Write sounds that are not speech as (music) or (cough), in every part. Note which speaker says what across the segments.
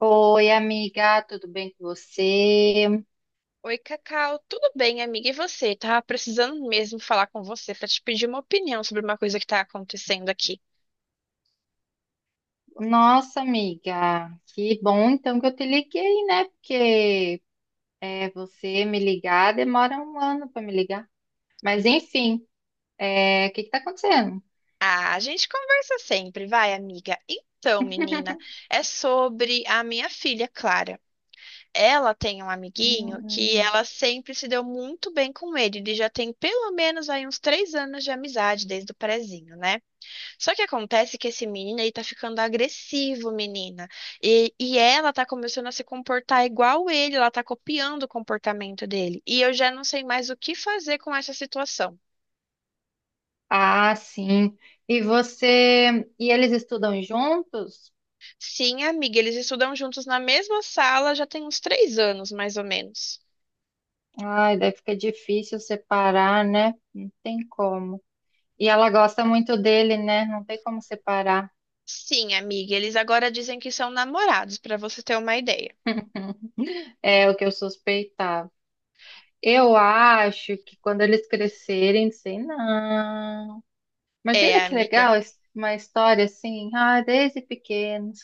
Speaker 1: Oi, amiga, tudo bem com você?
Speaker 2: Oi, Cacau. Tudo bem, amiga? E você? Tava precisando mesmo falar com você pra te pedir uma opinião sobre uma coisa que tá acontecendo aqui.
Speaker 1: Nossa, amiga, que bom então que eu te liguei, né? Porque você me ligar demora um ano para me ligar. Mas enfim, o que que tá acontecendo?
Speaker 2: Ah, a gente conversa sempre, vai, amiga. Então, menina, é sobre a minha filha Clara. Ela tem um amiguinho que
Speaker 1: Hum.
Speaker 2: ela sempre se deu muito bem com ele. Ele já tem pelo menos aí uns três anos de amizade desde o prezinho, né? Só que acontece que esse menino aí tá ficando agressivo, menina. E ela tá começando a se comportar igual ele, ela tá copiando o comportamento dele. E eu já não sei mais o que fazer com essa situação.
Speaker 1: Ah, sim. Você e eles estudam juntos?
Speaker 2: Sim, amiga, eles estudam juntos na mesma sala já tem uns três anos, mais ou menos.
Speaker 1: Ai, daí fica difícil separar, né? Não tem como. E ela gosta muito dele, né? Não tem como separar.
Speaker 2: Sim, amiga, eles agora dizem que são namorados, pra você ter uma ideia.
Speaker 1: É o que eu suspeitava. Eu acho que quando eles crescerem, sei não.
Speaker 2: É,
Speaker 1: Imagina que
Speaker 2: amiga.
Speaker 1: legal uma história assim, ah, desde pequenos,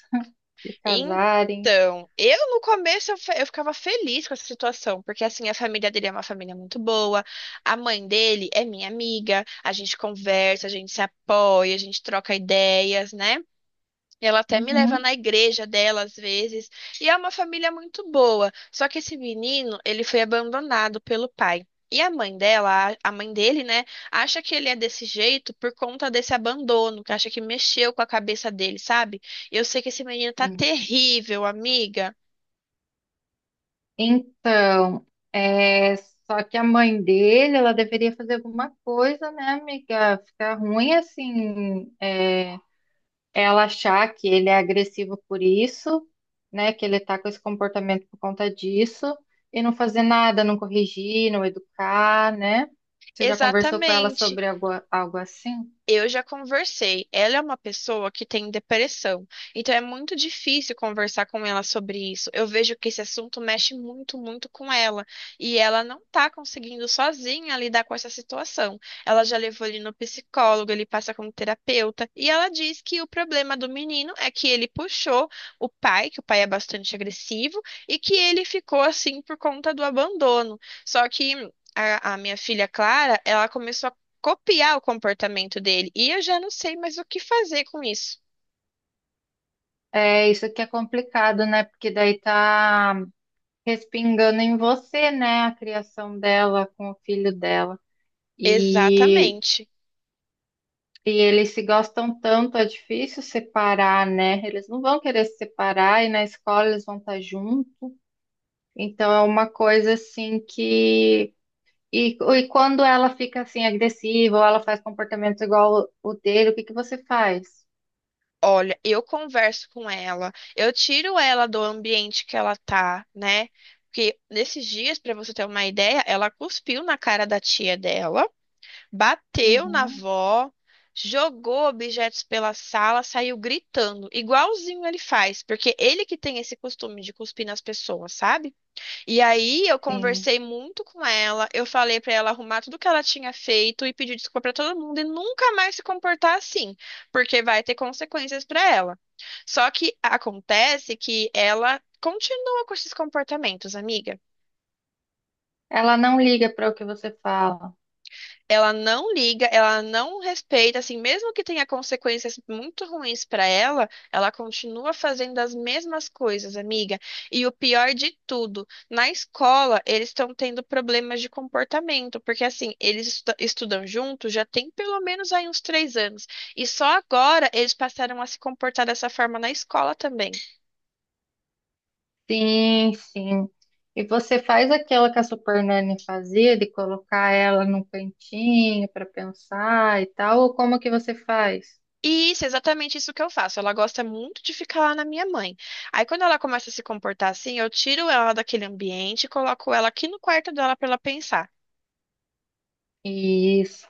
Speaker 1: de casarem.
Speaker 2: Então, eu no começo eu, fe- eu ficava feliz com essa situação, porque assim, a família dele é uma família muito boa, a mãe dele é minha amiga, a gente conversa, a gente se apoia, a gente troca ideias, né? Ela até me leva
Speaker 1: Uhum.
Speaker 2: na igreja dela às vezes. E é uma família muito boa. Só que esse menino, ele foi abandonado pelo pai. E a mãe dela, a mãe dele, né, acha que ele é desse jeito por conta desse abandono, que acha que mexeu com a cabeça dele, sabe? Eu sei que esse menino tá
Speaker 1: Sim.
Speaker 2: terrível, amiga.
Speaker 1: Então, só que a mãe dele, ela deveria fazer alguma coisa, né, amiga? Ficar ruim assim, ela achar que ele é agressivo por isso, né? Que ele tá com esse comportamento por conta disso, e não fazer nada, não corrigir, não educar, né? Você já conversou com ela
Speaker 2: Exatamente.
Speaker 1: sobre algo, algo assim?
Speaker 2: Eu já conversei. Ela é uma pessoa que tem depressão, então é muito difícil conversar com ela sobre isso. Eu vejo que esse assunto mexe muito, muito com ela, e ela não tá conseguindo sozinha lidar com essa situação. Ela já levou ele no psicólogo, ele passa como terapeuta, e ela diz que o problema do menino é que ele puxou o pai, que o pai é bastante agressivo, e que ele ficou assim por conta do abandono. Só que a minha filha Clara, ela começou copiar o comportamento dele. E eu já não sei mais o que fazer com isso.
Speaker 1: É, isso que é complicado, né? Porque daí tá respingando em você, né? A criação dela com o filho dela. E,
Speaker 2: Exatamente.
Speaker 1: e eles se gostam tanto, é difícil separar, né? Eles não vão querer se separar e na escola eles vão estar juntos. Então é uma coisa assim que. E quando ela fica assim agressiva ou ela faz comportamentos igual o dele, o que que você faz?
Speaker 2: Olha, eu converso com ela, eu tiro ela do ambiente que ela tá, né? Porque nesses dias, pra você ter uma ideia, ela cuspiu na cara da tia dela, bateu na
Speaker 1: Uhum.
Speaker 2: avó, jogou objetos pela sala, saiu gritando, igualzinho ele faz, porque ele que tem esse costume de cuspir nas pessoas, sabe? E aí eu
Speaker 1: Sim.
Speaker 2: conversei muito com ela, eu falei pra ela arrumar tudo que ela tinha feito e pedir desculpa pra todo mundo e nunca mais se comportar assim, porque vai ter consequências pra ela. Só que acontece que ela continua com esses comportamentos, amiga.
Speaker 1: Ela não liga para o que você fala.
Speaker 2: Ela não liga, ela não respeita, assim, mesmo que tenha consequências muito ruins para ela, ela continua fazendo as mesmas coisas, amiga. E o pior de tudo, na escola eles estão tendo problemas de comportamento, porque assim, estudam juntos já tem pelo menos aí uns três anos, e só agora eles passaram a se comportar dessa forma na escola também.
Speaker 1: Sim, sim. E você faz aquilo que a Super Nanny fazia, de colocar ela num cantinho para pensar e tal, ou como que você faz?
Speaker 2: E isso, é exatamente isso que eu faço. Ela gosta muito de ficar lá na minha mãe. Aí quando ela começa a se comportar assim, eu tiro ela daquele ambiente e coloco ela aqui no quarto dela para ela pensar.
Speaker 1: Isso.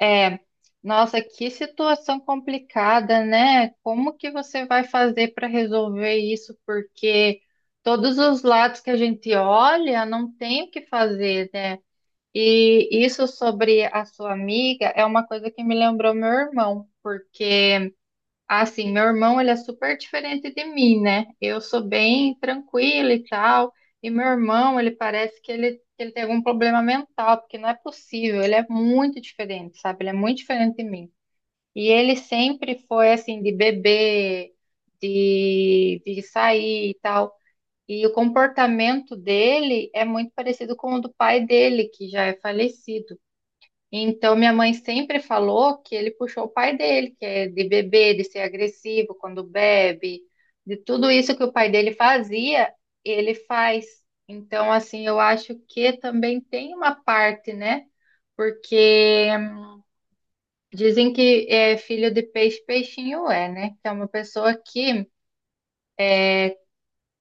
Speaker 1: É, nossa, que situação complicada, né? Como que você vai fazer para resolver isso? Porque todos os lados que a gente olha, não tem o que fazer, né? E isso sobre a sua amiga é uma coisa que me lembrou meu irmão, porque assim, meu irmão, ele é super diferente de mim, né? Eu sou bem tranquila e tal, e meu irmão, ele parece que que ele tem algum problema mental, porque não é possível, ele é muito diferente, sabe? Ele é muito diferente de mim. E ele sempre foi assim, de beber, de sair e tal. E o comportamento dele é muito parecido com o do pai dele, que já é falecido. Então, minha mãe sempre falou que ele puxou o pai dele, que é de beber, de ser agressivo quando bebe, de tudo isso que o pai dele fazia, ele faz. Então, assim, eu acho que também tem uma parte, né? Porque dizem que é filho de peixe, peixinho é, né? Que é uma pessoa que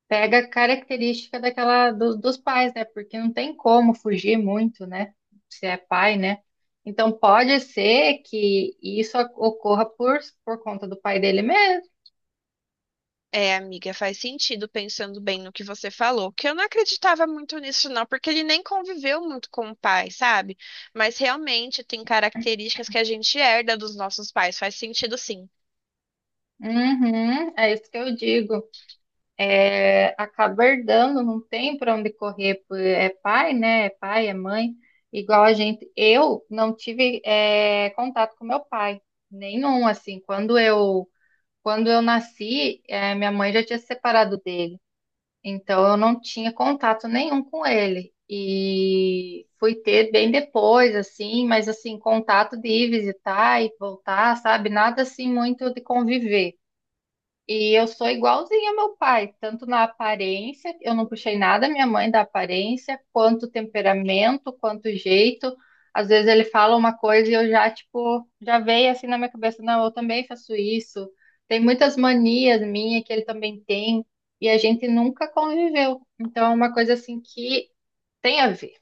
Speaker 1: pega a característica daquela dos pais, né? Porque não tem como fugir muito, né? Se é pai, né? Então pode ser que isso ocorra por conta do pai dele mesmo.
Speaker 2: É, amiga, faz sentido pensando bem no que você falou, que eu não acreditava muito nisso não, porque ele nem conviveu muito com o pai, sabe? Mas realmente tem características que a gente herda dos nossos pais, faz sentido sim.
Speaker 1: Uhum, é isso que eu digo. É, acaba herdando, não tem para onde correr. É pai, né? É pai, é mãe. Igual a gente. Eu não tive contato com meu pai, nenhum assim. Quando eu nasci, minha mãe já tinha se separado dele. Então eu não tinha contato nenhum com ele. E fui ter bem depois, assim, mas assim, contato de ir visitar e voltar, sabe? Nada assim muito de conviver. E eu sou igualzinha ao meu pai, tanto na aparência, eu não puxei nada minha mãe da aparência, quanto temperamento, quanto jeito. Às vezes ele fala uma coisa e eu já, tipo, já veio assim na minha cabeça, não, eu também faço isso. Tem muitas manias minhas que ele também tem, e a gente nunca conviveu. Então é uma coisa assim que tem a ver.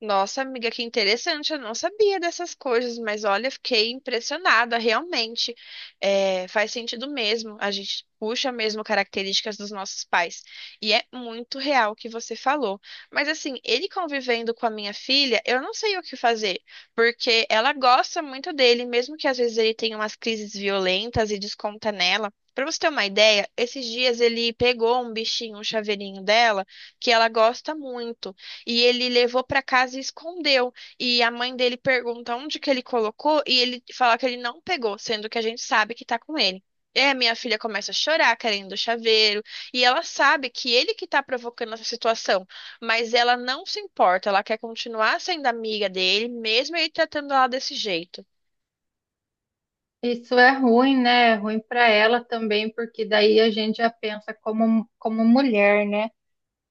Speaker 2: Nossa, amiga, que interessante. Eu não sabia dessas coisas, mas olha, fiquei impressionada, realmente. É, faz sentido mesmo. A gente puxa mesmo características dos nossos pais. E é muito real o que você falou. Mas assim, ele convivendo com a minha filha, eu não sei o que fazer, porque ela gosta muito dele, mesmo que às vezes ele tenha umas crises violentas e desconta nela. Pra você ter uma ideia, esses dias ele pegou um bichinho, um chaveirinho dela, que ela gosta muito. E ele levou para casa e escondeu. E a mãe dele pergunta onde que ele colocou e ele fala que ele não pegou, sendo que a gente sabe que tá com ele. É, minha filha começa a chorar querendo o chaveiro, e ela sabe que ele que tá provocando essa situação, mas ela não se importa, ela quer continuar sendo amiga dele, mesmo ele tratando ela desse jeito.
Speaker 1: Isso é ruim, né? É ruim para ela também, porque daí a gente já pensa como, como mulher, né?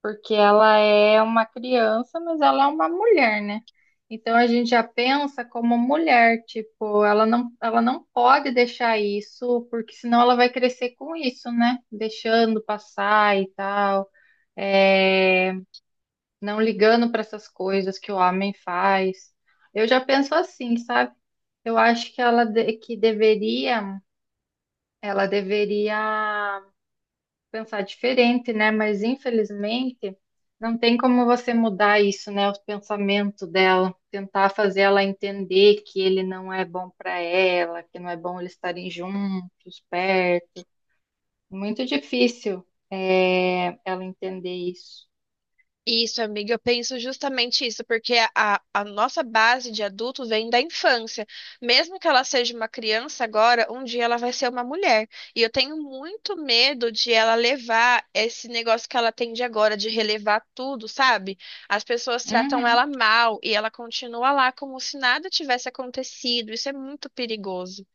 Speaker 1: Porque ela é uma criança, mas ela é uma mulher, né? Então a gente já pensa como mulher, tipo, ela não pode deixar isso, porque senão ela vai crescer com isso, né? Deixando passar e tal, é, não ligando para essas coisas que o homem faz. Eu já penso assim, sabe? Eu acho que que deveria, ela deveria pensar diferente, né? Mas infelizmente não tem como você mudar isso, né? O pensamento dela, tentar fazer ela entender que ele não é bom para ela, que não é bom eles estarem juntos, perto. Muito difícil ela entender isso.
Speaker 2: Isso, amiga, eu penso justamente isso, porque a nossa base de adulto vem da infância. Mesmo que ela seja uma criança agora, um dia ela vai ser uma mulher. E eu tenho muito medo de ela levar esse negócio que ela tem de agora, de relevar tudo, sabe? As pessoas tratam
Speaker 1: Uhum.
Speaker 2: ela mal e ela continua lá como se nada tivesse acontecido. Isso é muito perigoso.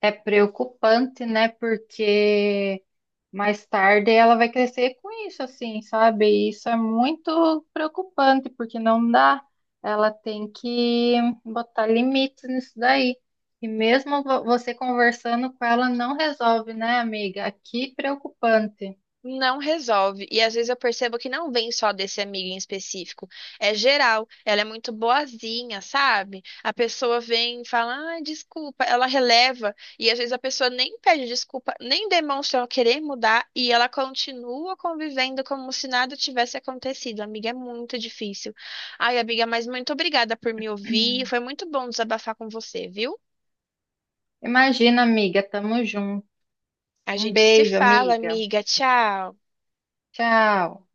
Speaker 1: É preocupante, né? Porque mais tarde ela vai crescer com isso, assim, sabe? E isso é muito preocupante, porque não dá. Ela tem que botar limites nisso daí. E mesmo você conversando com ela não resolve, né, amiga? Que preocupante.
Speaker 2: Não resolve. E às vezes eu percebo que não vem só desse amigo em específico. É geral. Ela é muito boazinha, sabe? A pessoa vem e fala, ah, desculpa. Ela releva. E às vezes a pessoa nem pede desculpa, nem demonstra querer mudar. E ela continua convivendo como se nada tivesse acontecido. Amiga, é muito difícil. Ai, amiga, mas muito obrigada por me ouvir.
Speaker 1: (clears throat)
Speaker 2: Foi muito bom desabafar com você, viu?
Speaker 1: Imagina, amiga, tamo junto.
Speaker 2: A
Speaker 1: Um
Speaker 2: gente se
Speaker 1: beijo,
Speaker 2: fala,
Speaker 1: amiga.
Speaker 2: amiga. Tchau.
Speaker 1: Tchau.